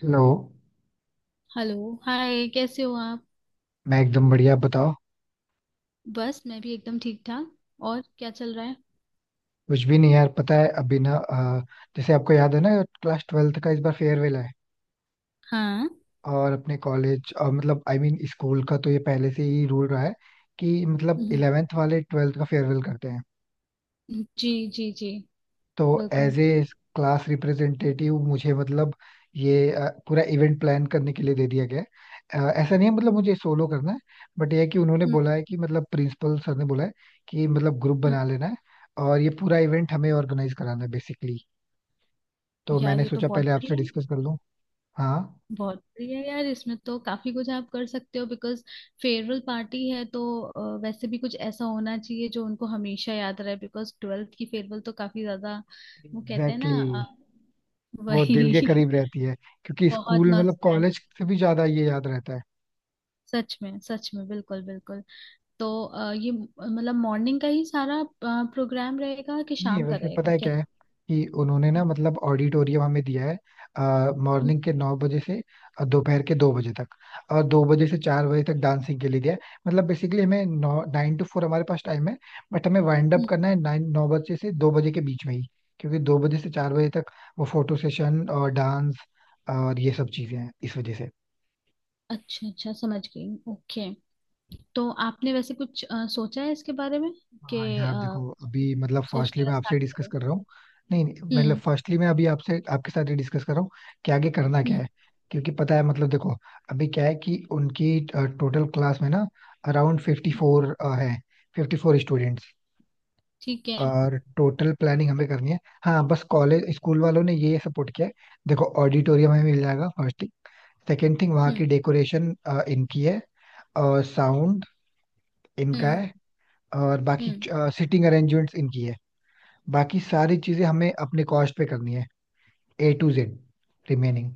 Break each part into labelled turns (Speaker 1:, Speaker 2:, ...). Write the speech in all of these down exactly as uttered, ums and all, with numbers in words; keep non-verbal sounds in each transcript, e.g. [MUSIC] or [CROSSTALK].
Speaker 1: Hello.
Speaker 2: Hello. Hi, कैसे हो आप?
Speaker 1: मैं एकदम बढ़िया. बताओ,
Speaker 2: बस मैं भी एकदम ठीक ठाक। और क्या चल रहा है?
Speaker 1: कुछ भी नहीं यार. पता है अभी ना, अ, जैसे आपको याद है ना, क्लास ट्वेल्थ का इस बार फेयरवेल है.
Speaker 2: हाँ।
Speaker 1: और अपने कॉलेज और मतलब I I mean mean, school का तो ये पहले से ही रूल रहा है कि मतलब
Speaker 2: हम्म।
Speaker 1: इलेवेंथ वाले ट्वेल्थ का फेयरवेल करते हैं.
Speaker 2: जी जी जी।
Speaker 1: तो
Speaker 2: बिल्कुल।
Speaker 1: एज ए क्लास रिप्रेजेंटेटिव मुझे मतलब ये अ, पूरा इवेंट प्लान करने के लिए दे दिया गया है. अ, ऐसा नहीं है मतलब मुझे सोलो करना है, बट ये है कि उन्होंने
Speaker 2: हम्म।
Speaker 1: बोला है कि मतलब प्रिंसिपल सर ने बोला है कि मतलब ग्रुप
Speaker 2: हम्म।
Speaker 1: बना लेना है. और ये पूरा इवेंट हमें ऑर्गेनाइज कराना है बेसिकली. तो
Speaker 2: यार,
Speaker 1: मैंने
Speaker 2: ये तो
Speaker 1: सोचा
Speaker 2: बहुत
Speaker 1: पहले आपसे
Speaker 2: बढ़िया है।
Speaker 1: डिस्कस कर लूं. हाँ.
Speaker 2: बहुत बढ़िया है यार, इसमें तो काफी कुछ आप कर सकते हो, बिकॉज फेयरवेल पार्टी है तो अ, वैसे भी कुछ ऐसा होना चाहिए जो उनको हमेशा याद रहे, बिकॉज ट्वेल्थ की फेयरवेल तो काफी ज्यादा। वो कहते हैं ना,
Speaker 1: एग्जैक्टली exactly.
Speaker 2: अ,
Speaker 1: वो दिल के
Speaker 2: वही।
Speaker 1: करीब
Speaker 2: [LAUGHS]
Speaker 1: रहती है क्योंकि
Speaker 2: बहुत
Speaker 1: स्कूल मतलब
Speaker 2: नॉस्टैल्जिक।
Speaker 1: कॉलेज से भी ज्यादा ये याद रहता है.
Speaker 2: सच में सच में, बिल्कुल बिल्कुल। तो अ, ये मतलब मॉर्निंग का ही सारा प्रोग्राम रहेगा कि
Speaker 1: नहीं,
Speaker 2: शाम का
Speaker 1: वैसे
Speaker 2: रहेगा
Speaker 1: पता है
Speaker 2: क्या?
Speaker 1: क्या है, कि उन्होंने ना मतलब ऑडिटोरियम हमें दिया है
Speaker 2: हम्म।
Speaker 1: मॉर्निंग के नौ बजे से अ, दोपहर के दो बजे तक. और दो बजे से चार बजे तक डांसिंग के लिए दिया है. मतलब बेसिकली हमें नौ नाइन टू फोर हमारे पास टाइम है. बट हमें वाइंड अप
Speaker 2: हम्म।
Speaker 1: करना है नाइन नौ बजे से दो बजे के बीच में ही, क्योंकि दो बजे से चार बजे तक वो फोटो सेशन और डांस और ये सब चीजें हैं इस वजह से.
Speaker 2: अच्छा अच्छा, समझ गई, ओके। तो आपने वैसे कुछ अ, सोचा है इसके बारे में कि
Speaker 1: हाँ यार
Speaker 2: अ,
Speaker 1: देखो अभी मतलब
Speaker 2: सोचने
Speaker 1: फर्स्टली
Speaker 2: का
Speaker 1: मैं
Speaker 2: स्टार्ट
Speaker 1: आपसे डिस्कस
Speaker 2: करें?
Speaker 1: कर रहा हूँ. नहीं नहीं, मतलब
Speaker 2: हम्म।
Speaker 1: फर्स्टली मैं अभी आपसे आपके साथ डिस्कस कर रहा हूँ कि आगे करना क्या
Speaker 2: हम्म।
Speaker 1: है. क्योंकि पता है मतलब देखो अभी क्या है कि उनकी टोटल क्लास में ना अराउंड फिफ्टी फोर है. Fifty four students.
Speaker 2: ठीक है।
Speaker 1: और टोटल प्लानिंग हमें करनी है. हाँ बस कॉलेज स्कूल वालों ने ये सपोर्ट किया है. देखो ऑडिटोरियम हमें मिल जाएगा फर्स्ट थिंग. सेकेंड थिंग वहाँ
Speaker 2: हम्म।
Speaker 1: की डेकोरेशन इनकी है. और साउंड इनका
Speaker 2: हम्म।
Speaker 1: है. और बाकी
Speaker 2: हम्म।
Speaker 1: सिटिंग अरेंजमेंट्स इनकी है. बाकी सारी चीजें हमें अपने कॉस्ट पे करनी है, ए टू जेड रिमेनिंग.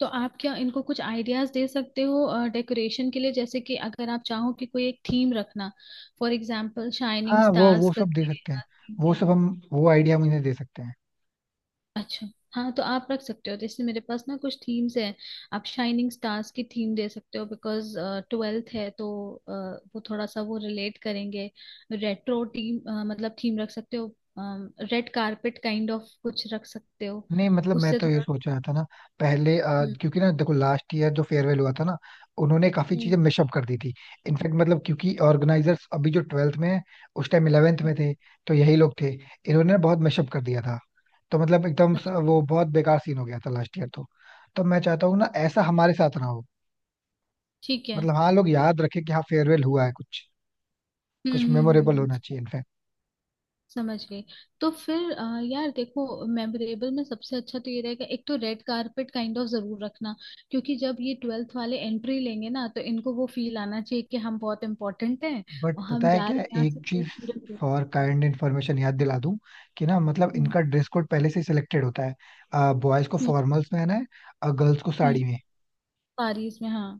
Speaker 2: तो आप क्या इनको कुछ आइडियाज दे सकते हो डेकोरेशन के लिए? जैसे कि अगर आप चाहो कि कोई एक थीम रखना, फॉर एग्जांपल शाइनिंग
Speaker 1: हाँ वो
Speaker 2: स्टार्स
Speaker 1: वो सब दे
Speaker 2: करके।
Speaker 1: सकते हैं. वो सब हम वो आइडिया हम इन्हें दे सकते हैं.
Speaker 2: अच्छा। हाँ, तो आप रख सकते हो, जैसे मेरे पास ना कुछ थीम्स हैं। आप शाइनिंग स्टार्स की थीम दे सकते हो, बिकॉज ट्वेल्थ है तो अ, वो थोड़ा सा वो रिलेट करेंगे। रेट्रो टीम, मतलब थीम रख सकते हो। रेड कारपेट काइंड ऑफ कुछ रख सकते हो।
Speaker 1: नहीं मतलब मैं
Speaker 2: उससे
Speaker 1: तो ये
Speaker 2: थोड़ा।
Speaker 1: सोच रहा था ना पहले, अ,
Speaker 2: हम्म।
Speaker 1: क्योंकि ना देखो लास्ट ईयर जो फेयरवेल हुआ था ना उन्होंने काफी चीजें
Speaker 2: हम्म।
Speaker 1: मिशअप कर दी थी. इनफैक्ट मतलब क्योंकि ऑर्गेनाइजर्स अभी जो ट्वेल्थ में है उस टाइम इलेवेंथ
Speaker 2: हम्म।
Speaker 1: में थे, तो यही लोग थे. इन्होंने ना बहुत मिशअप कर दिया था. तो मतलब एकदम स-
Speaker 2: अच्छा।
Speaker 1: वो बहुत बेकार सीन हो गया था लास्ट ईयर तो. तो मैं चाहता हूँ ना ऐसा हमारे साथ ना हो.
Speaker 2: ठीक है।
Speaker 1: मतलब हाँ लोग याद रखे कि हाँ फेयरवेल हुआ है कुछ.
Speaker 2: हम्म।
Speaker 1: कुछ
Speaker 2: हम्म। हम्म।
Speaker 1: मेमोरेबल होना
Speaker 2: हम्म।
Speaker 1: चाहिए इनफैक्ट.
Speaker 2: समझ गई। तो फिर अ, यार देखो, मेमोरेबल में सबसे अच्छा तो ये रहेगा, एक तो रेड कारपेट काइंड ऑफ जरूर रखना। क्योंकि जब ये ट्वेल्थ वाले एंट्री लेंगे ना, तो इनको वो फील आना चाहिए कि हम बहुत इम्पोर्टेंट हैं,
Speaker 1: बट
Speaker 2: और हम
Speaker 1: पता है
Speaker 2: जा
Speaker 1: क्या,
Speaker 2: रहे हैं यहाँ
Speaker 1: एक
Speaker 2: से, तो
Speaker 1: चीज
Speaker 2: पूरे पूरे-
Speaker 1: फॉर काइंड इन्फॉर्मेशन याद दिला दूं, कि ना मतलब
Speaker 2: हम्म।
Speaker 1: इनका ड्रेस कोड पहले से सिलेक्टेड होता है. बॉयज को
Speaker 2: हम्म।
Speaker 1: फॉर्मल्स में है और गर्ल्स को
Speaker 2: हम्म।
Speaker 1: साड़ी में.
Speaker 2: पेरिस में, हाँ।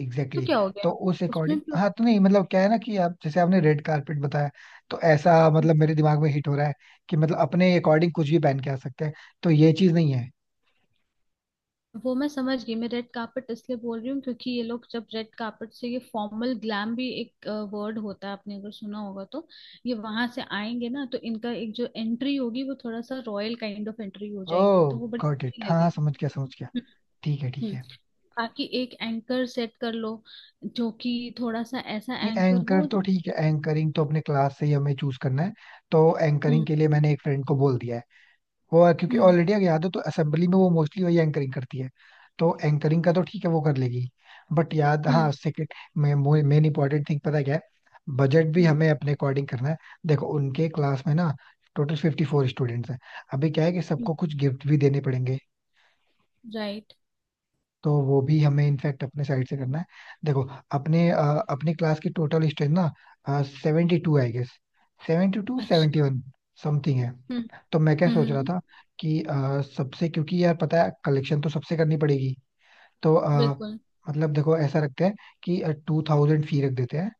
Speaker 1: एग्जैक्टली
Speaker 2: तो क्या
Speaker 1: exactly.
Speaker 2: हो गया,
Speaker 1: तो उस
Speaker 2: उसमें
Speaker 1: अकॉर्डिंग
Speaker 2: भी हो
Speaker 1: हाँ, तो
Speaker 2: सकता।
Speaker 1: नहीं मतलब क्या है ना कि आप जैसे आपने रेड कारपेट बताया, तो ऐसा मतलब मेरे दिमाग में हिट हो रहा है कि मतलब अपने अकॉर्डिंग कुछ भी पहन के आ सकते हैं. तो ये चीज नहीं है.
Speaker 2: वो मैं समझ गई, मैं रेड कार्पेट इसलिए बोल रही हूँ क्योंकि ये लोग जब रेड कार्पेट से, ये फॉर्मल ग्लैम भी एक वर्ड होता है, आपने अगर सुना होगा तो, ये वहां से आएंगे ना तो इनका एक जो एंट्री होगी वो थोड़ा सा रॉयल काइंड ऑफ एंट्री हो जाएगी, तो
Speaker 1: ओह
Speaker 2: वो बड़ी
Speaker 1: गॉट
Speaker 2: अच्छी
Speaker 1: इट. हाँ हाँ,
Speaker 2: लगेगी।
Speaker 1: समझ गया समझ गया.
Speaker 2: हम्म।
Speaker 1: ठीक है ठीक
Speaker 2: हम्म।
Speaker 1: है.
Speaker 2: बाकी एक एंकर सेट कर लो, जो कि थोड़ा सा ऐसा एंकर
Speaker 1: एंकर
Speaker 2: हो जो।
Speaker 1: तो ठीक है. एंकरिंग तो अपने क्लास से ही हमें चूज करना है. तो
Speaker 2: हम्म।
Speaker 1: एंकरिंग के लिए मैंने एक फ्रेंड को बोल दिया है. वो क्योंकि
Speaker 2: हम्म।
Speaker 1: ऑलरेडी अगर याद हो तो असेंबली में वो मोस्टली वही एंकरिंग करती है. तो एंकरिंग का तो ठीक है. वो कर लेगी. बट याद हाँ,
Speaker 2: हम्म।
Speaker 1: सेकेंड मेन इंपॉर्टेंट थिंग पता है क्या है, बजट भी हमें अपने अकॉर्डिंग करना है. देखो उनके क्लास में ना टोटल फिफ्टी फोर स्टूडेंट्स हैं. अभी क्या है कि
Speaker 2: हम्म।
Speaker 1: सबको कुछ गिफ्ट भी देने पड़ेंगे.
Speaker 2: राइट।
Speaker 1: तो वो भी हमें इनफैक्ट अपने साइड से करना है. देखो अपने अ, अपनी क्लास की टोटल स्ट्रेंथ ना seventy two I guess. Seventy two seventy
Speaker 2: अच्छा।
Speaker 1: वन समथिंग है.
Speaker 2: हम्म।
Speaker 1: तो मैं क्या सोच रहा
Speaker 2: हम्म।
Speaker 1: था कि अ, सबसे, क्योंकि यार पता है कलेक्शन तो सबसे करनी पड़ेगी. तो अ,
Speaker 2: बिल्कुल।
Speaker 1: मतलब देखो ऐसा रखते हैं कि टू थाउजेंड फी रख देते हैं,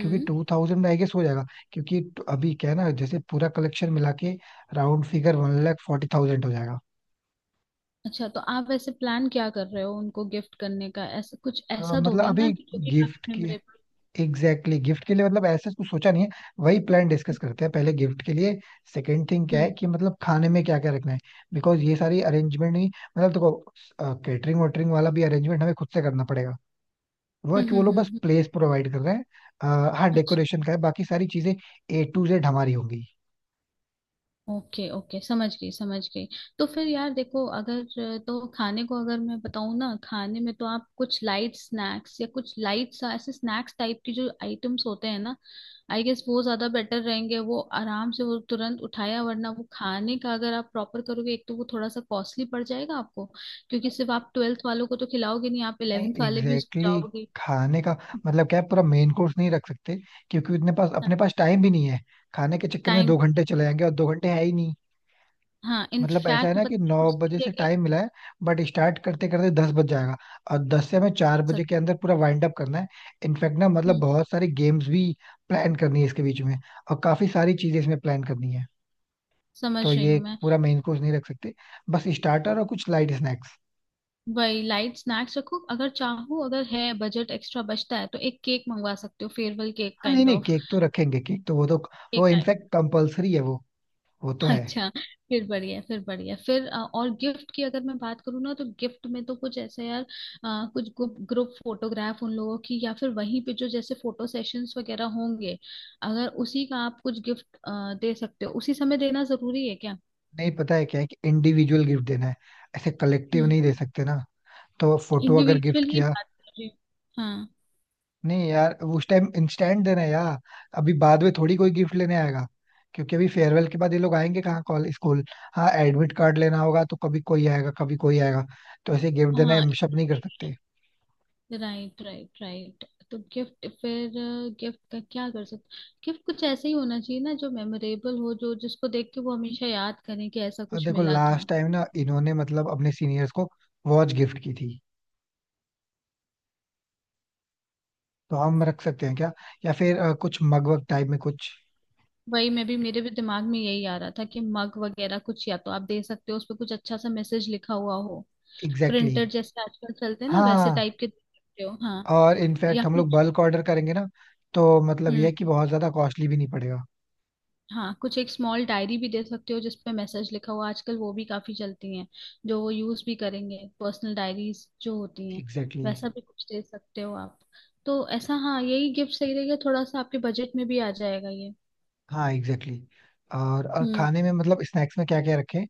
Speaker 1: क्योंकि टू थाउजेंड में आई गेस हो जाएगा. क्योंकि ट- अभी क्या है ना जैसे पूरा कलेक्शन मिला के round figure one lakh forty thousand हो जाएगा.
Speaker 2: अच्छा, तो आप ऐसे प्लान क्या कर रहे हो उनको गिफ्ट करने का? ऐसा कुछ,
Speaker 1: अ,
Speaker 2: ऐसा
Speaker 1: मतलब
Speaker 2: दोगे ना
Speaker 1: अभी
Speaker 2: कि जो कि काफी
Speaker 1: गिफ्ट की,
Speaker 2: मेमोरेबल।
Speaker 1: Exactly exactly. गिफ्ट के लिए मतलब ऐसे कुछ सोचा नहीं है. वही प्लान डिस्कस करते हैं पहले गिफ्ट के लिए. सेकंड थिंग क्या है
Speaker 2: हम्म।
Speaker 1: कि मतलब खाने में क्या क्या रखना है. बिकॉज ये सारी अरेंजमेंट नहीं, मतलब देखो कैटरिंग वोटरिंग वाला भी अरेंजमेंट हमें खुद से करना पड़ेगा. वो है
Speaker 2: हम्म।
Speaker 1: कि
Speaker 2: हम्म।
Speaker 1: वो
Speaker 2: हम्म।
Speaker 1: लोग
Speaker 2: हम्म।
Speaker 1: बस
Speaker 2: हम्म।
Speaker 1: प्लेस प्रोवाइड कर रहे हैं. अ, हाँ
Speaker 2: अच्छा।
Speaker 1: डेकोरेशन का है. बाकी सारी चीजें ए टू जेड हमारी होंगी.
Speaker 2: ओके ओके, समझ गई समझ गई। तो फिर यार देखो, अगर तो खाने को अगर मैं बताऊँ ना, खाने में तो आप कुछ लाइट स्नैक्स, या कुछ लाइट सा ऐसे स्नैक्स टाइप की जो आइटम्स होते हैं ना, आई गेस वो ज्यादा बेटर रहेंगे। वो आराम से, वो तुरंत उठाया, वरना वो खाने का अगर आप प्रॉपर करोगे एक तो वो थोड़ा सा कॉस्टली पड़ जाएगा आपको, क्योंकि सिर्फ आप ट्वेल्थ वालों को तो खिलाओगे नहीं, आप
Speaker 1: नहीं
Speaker 2: इलेवेंथ वाले भी उसको
Speaker 1: एग्जैक्टली exactly
Speaker 2: जाओगे।
Speaker 1: खाने का मतलब क्या है, पूरा मेन कोर्स नहीं रख सकते, क्योंकि इतने पास अपने पास टाइम भी नहीं है. खाने के चक्कर में
Speaker 2: टाइम।
Speaker 1: दो घंटे चले जाएंगे और दो घंटे है ही नहीं.
Speaker 2: हाँ
Speaker 1: मतलब ऐसा है
Speaker 2: इनफैक्ट,
Speaker 1: ना कि
Speaker 2: पता है,
Speaker 1: नौ बजे
Speaker 2: उसकी
Speaker 1: से
Speaker 2: जगह।
Speaker 1: टाइम मिला है, बट स्टार्ट करते करते दस बज जाएगा. और दस से हमें चार बजे
Speaker 2: सक-
Speaker 1: के अंदर पूरा वाइंड अप करना है. इनफैक्ट ना मतलब
Speaker 2: हम्म।
Speaker 1: बहुत सारी गेम्स भी प्लान करनी है इसके बीच में. और काफी सारी चीजें इसमें प्लान करनी है.
Speaker 2: समझ
Speaker 1: तो
Speaker 2: रही
Speaker 1: ये
Speaker 2: हूँ मैं।
Speaker 1: पूरा मेन कोर्स नहीं रख सकते. बस स्टार्टर और कुछ लाइट स्नैक्स.
Speaker 2: वही लाइट स्नैक्स रखो, अगर चाहो, अगर है बजट एक्स्ट्रा बचता है तो एक केक मंगवा सकते हो, फेयरवेल केक
Speaker 1: हाँ नहीं
Speaker 2: काइंड
Speaker 1: नहीं,
Speaker 2: ऑफ।
Speaker 1: केक तो रखेंगे. केक तो वो तो
Speaker 2: केक।
Speaker 1: वो
Speaker 2: [LAUGHS]
Speaker 1: इनफैक्ट कंपलसरी है वो. वो तो है.
Speaker 2: अच्छा फिर बढ़िया है, फिर बढ़िया है। फिर अ, और गिफ्ट की अगर मैं बात करूँ ना, तो गिफ्ट में तो कुछ ऐसा यार, अ, कुछ ग्रुप फोटोग्राफ उन लोगों की, या फिर वहीं पे जो जैसे फोटो सेशंस वगैरह होंगे, अगर उसी का आप कुछ गिफ्ट दे सकते हो। उसी समय देना जरूरी है क्या?
Speaker 1: नहीं पता है क्या है कि इंडिविजुअल गिफ्ट देना है. ऐसे कलेक्टिव
Speaker 2: हम्म।
Speaker 1: नहीं दे सकते ना. तो फोटो अगर गिफ्ट
Speaker 2: इंडिविजुअल ही
Speaker 1: किया,
Speaker 2: बात कर रही हूँ। हाँ।
Speaker 1: नहीं यार, उस टाइम इंस्टेंट देना है यार. अभी बाद में थोड़ी कोई गिफ्ट लेने आएगा. क्योंकि अभी फेयरवेल के बाद ये लोग आएंगे कहाँ कॉलेज स्कूल. हाँ एडमिट कार्ड लेना होगा तो कभी कोई आएगा कभी कोई आएगा. तो ऐसे गिफ्ट देना
Speaker 2: हाँ।
Speaker 1: हम शप नहीं कर सकते.
Speaker 2: Right right right. तो गिफ्ट फिर, गिफ्ट का क्या कर सकते? गिफ्ट कुछ ऐसा ही होना चाहिए ना जो मेमोरेबल हो, जो, जिसको देख के वो हमेशा याद करें कि ऐसा
Speaker 1: और
Speaker 2: कुछ
Speaker 1: देखो
Speaker 2: मिला था।
Speaker 1: लास्ट टाइम ना इन्होंने मतलब अपने सीनियर्स को वॉच गिफ्ट की थी. तो हम रख सकते हैं क्या, या फिर अ, कुछ मग वग टाइप में कुछ.
Speaker 2: वही, मैं भी, मेरे भी दिमाग में यही आ रहा था कि मग वगैरह कुछ, या तो आप दे सकते हो, उस पर कुछ अच्छा सा मैसेज लिखा हुआ हो।
Speaker 1: Exactly
Speaker 2: printer
Speaker 1: exactly.
Speaker 2: जैसे आजकल चलते हैं ना, वैसे
Speaker 1: हाँ.
Speaker 2: टाइप के दे सकते हो, हाँ।
Speaker 1: और
Speaker 2: या
Speaker 1: इनफैक्ट हम लोग
Speaker 2: कुछ।
Speaker 1: बल्क ऑर्डर करेंगे ना, तो मतलब ये
Speaker 2: हम्म।
Speaker 1: है कि बहुत ज्यादा कॉस्टली भी नहीं पड़ेगा.
Speaker 2: हाँ, कुछ एक स्मॉल डायरी भी दे सकते हो, जिसपे मैसेज लिखा हुआ, आजकल वो भी काफी चलती हैं। जो वो यूज भी करेंगे, पर्सनल डायरीज जो होती हैं,
Speaker 1: एग्जैक्टली.
Speaker 2: वैसा भी कुछ दे सकते हो आप। तो ऐसा, हाँ यही गिफ्ट सही रहेगा, थोड़ा सा आपके बजट में भी आ जाएगा ये।
Speaker 1: हाँ एग्जैक्टली exactly. और और
Speaker 2: हम्म।
Speaker 1: खाने में मतलब स्नैक्स में क्या क्या रखें.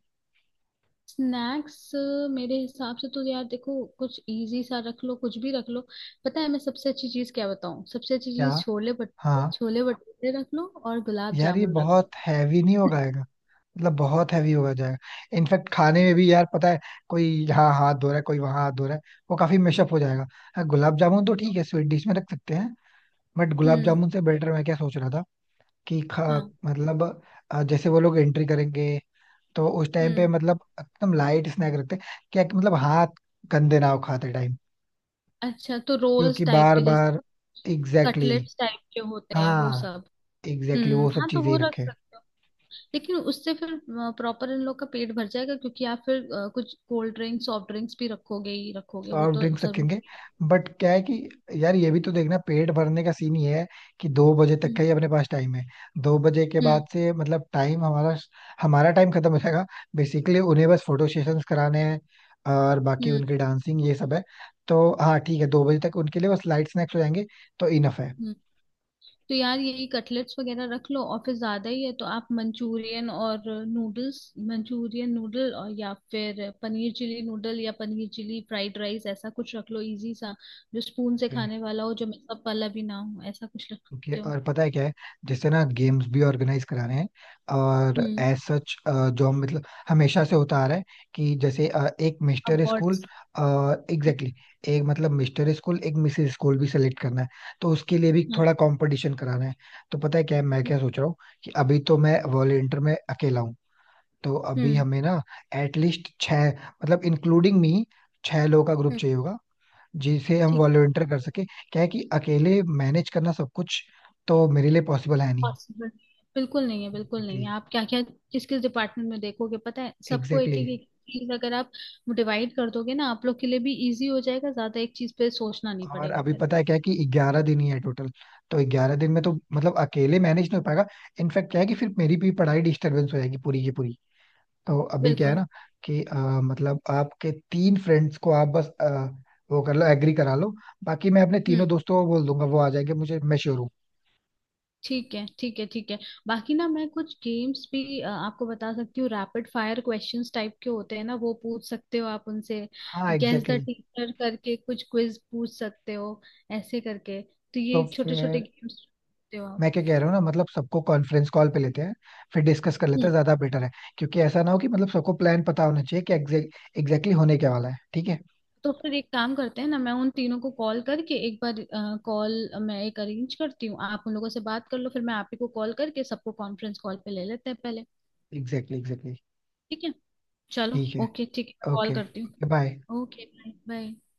Speaker 2: स्नैक्स। मेरे हिसाब से तो यार देखो, कुछ इजी सा रख लो, कुछ भी रख लो। पता है मैं सबसे अच्छी चीज क्या बताऊँ? सबसे अच्छी
Speaker 1: क्या.
Speaker 2: चीज छोले
Speaker 1: हाँ
Speaker 2: भटूरे, छोले भटूरे रख लो और गुलाब
Speaker 1: यार ये
Speaker 2: जामुन रख
Speaker 1: बहुत
Speaker 2: लो।
Speaker 1: हैवी नहीं
Speaker 2: [LAUGHS]
Speaker 1: होगा आएगा, मतलब बहुत हैवी होगा जाएगा. इनफैक्ट खाने में भी यार पता है कोई यहाँ हाथ धो रहा है कोई वहां हाथ धो रहा है, वो काफी मेशअप हो जाएगा. हाँ गुलाब जामुन तो ठीक है, स्वीट डिश में रख सकते हैं. बट गुलाब
Speaker 2: हम्म।
Speaker 1: जामुन से बेटर मैं क्या सोच रहा था, कि खा
Speaker 2: हाँ।
Speaker 1: मतलब अ, जैसे वो लोग एंट्री करेंगे तो उस टाइम पे
Speaker 2: हम्म।
Speaker 1: मतलब एकदम लाइट स्नैक रखते हैं क्या, कि मतलब हाथ गंदे ना हो खाते टाइम.
Speaker 2: अच्छा, तो रोल्स
Speaker 1: क्योंकि
Speaker 2: टाइप
Speaker 1: बार
Speaker 2: के, जैसे
Speaker 1: बार, एग्जैक्टली.
Speaker 2: कटलेट्स टाइप के होते हैं वो
Speaker 1: हाँ
Speaker 2: सब।
Speaker 1: एग्जैक्टली exactly,
Speaker 2: हम्म,
Speaker 1: वो सब
Speaker 2: हाँ, तो
Speaker 1: चीजें ही
Speaker 2: वो रख
Speaker 1: रखे.
Speaker 2: सकते हो। लेकिन उससे फिर प्रॉपर इन लोग का पेट भर जाएगा, क्योंकि आप फिर अ, कुछ कोल्ड ड्रिंक्स, सॉफ्ट ड्रिंक्स भी रखोगे ही रखोगे, वो
Speaker 1: सॉफ्ट
Speaker 2: तो
Speaker 1: ड्रिंक्स रखेंगे,
Speaker 2: जरूरी है।
Speaker 1: बट क्या है कि यार ये भी तो देखना, पेट भरने का सीन ही है कि दो बजे तक
Speaker 2: हम्म।
Speaker 1: का ही अपने पास टाइम है. दो बजे के
Speaker 2: हम्म।
Speaker 1: बाद से मतलब टाइम हमारा हमारा टाइम खत्म हो जाएगा. बेसिकली उन्हें बस फोटो सेशंस कराने हैं और बाकी
Speaker 2: हम्म।
Speaker 1: उनकी डांसिंग ये सब है. तो हाँ ठीक है, दो बजे तक उनके लिए बस लाइट स्नैक्स हो जाएंगे. तो इनफ
Speaker 2: हम्म। तो यार, यही कटलेट्स वगैरह रख लो। और फिर ज्यादा ही है तो आप मंचूरियन और नूडल्स, मंचूरियन नूडल, और या फिर पनीर चिली नूडल, या पनीर चिली फ्राइड राइस, ऐसा कुछ रख लो इजी सा। जो स्पून से
Speaker 1: है.
Speaker 2: खाने वाला हो, जो मतलब वाला भी ना हो, ऐसा कुछ रख
Speaker 1: ओके,
Speaker 2: सकते हो।
Speaker 1: और पता है क्या है, जैसे ना गेम्स भी ऑर्गेनाइज करा रहे हैं और
Speaker 2: हम्म।
Speaker 1: एज सच जो मतलब हमेशा से होता आ रहा है, कि जैसे अ, एक मिस्टर स्कूल.
Speaker 2: अवार्ड्स।
Speaker 1: एग्जैक्टली. एक मतलब मिस्टर स्कूल एक मिसेस स्कूल भी सेलेक्ट करना है. तो उसके लिए भी
Speaker 2: हाँ।
Speaker 1: थोड़ा कंपटीशन कराना है. तो पता है क्या है, मैं
Speaker 2: हम्म।
Speaker 1: क्या सोच रहा हूँ कि अभी तो मैं वॉलेंटियर में अकेला हूँ. तो अभी
Speaker 2: हम्म।
Speaker 1: हमें ना एटलीस्ट छः मतलब इंक्लूडिंग मी, छह लोगों का ग्रुप
Speaker 2: हम्म।
Speaker 1: चाहिए होगा जिसे हम
Speaker 2: ठीक है।
Speaker 1: वॉलंटियर कर सके. क्या है कि अकेले मैनेज करना सब कुछ, तो मेरे लिए पॉसिबल है नहीं.
Speaker 2: पॉसिबल बिल्कुल नहीं है, बिल्कुल नहीं है।
Speaker 1: एग्जैक्टली
Speaker 2: आप क्या क्या, किस किस डिपार्टमेंट में देखोगे? पता है, सबको एक
Speaker 1: एग्जैक्टली.
Speaker 2: एक एक चीज अगर आप डिवाइड कर दोगे ना, आप लोग के लिए भी इजी हो जाएगा, ज्यादा एक चीज पे सोचना नहीं
Speaker 1: और
Speaker 2: पड़ेगा
Speaker 1: अभी
Speaker 2: फिर।
Speaker 1: पता है क्या है कि ग्यारह दिन ही है टोटल. तो ग्यारह दिन में तो मतलब अकेले मैनेज नहीं हो पाएगा. इनफैक्ट क्या है कि फिर मेरी भी पढ़ाई डिस्टरबेंस हो जाएगी पूरी की पूरी. तो अभी क्या है
Speaker 2: बिल्कुल।
Speaker 1: ना, कि अ, मतलब आपके तीन फ्रेंड्स को आप बस अ, वो कर लो, एग्री करा लो. बाकी मैं अपने
Speaker 2: हम्म।
Speaker 1: तीनों दोस्तों को बोल दूंगा वो आ जाएंगे मुझे, मैं श्योर हूँ.
Speaker 2: ठीक है ठीक है ठीक है। बाकी ना, मैं कुछ गेम्स भी अ, आपको बता सकती हूँ। रैपिड फायर क्वेश्चंस टाइप के होते हैं ना, वो पूछ सकते हो आप उनसे।
Speaker 1: हाँ
Speaker 2: guess
Speaker 1: exactly
Speaker 2: the
Speaker 1: exactly.
Speaker 2: Teacher करके कुछ क्विज पूछ सकते हो। ऐसे करके तो ये
Speaker 1: तो
Speaker 2: छोटे छोटे
Speaker 1: फिर
Speaker 2: गेम्स हो आप।
Speaker 1: मैं क्या कह रहा हूँ ना, मतलब सबको कॉन्फ्रेंस कॉल पे लेते हैं फिर डिस्कस कर लेते
Speaker 2: हम्म।
Speaker 1: हैं, ज्यादा बेटर है. क्योंकि ऐसा ना हो कि मतलब सबको प्लान पता होना चाहिए कि एग्जैक्टली होने क्या वाला है. ठीक है.
Speaker 2: तो फिर एक काम करते हैं ना, मैं उन तीनों को कॉल करके एक बार, कॉल, मैं एक अरेंज करती हूँ, आप उन लोगों से बात कर लो, फिर मैं आप ही को कॉल करके सबको कॉन्फ्रेंस कॉल पे ले लेते हैं पहले।
Speaker 1: Exactly exactly.
Speaker 2: ठीक है। चलो
Speaker 1: ठीक है.
Speaker 2: ओके ठीक है, मैं कॉल
Speaker 1: ओके.
Speaker 2: करती
Speaker 1: बाय.
Speaker 2: हूँ। Okay, bye bye.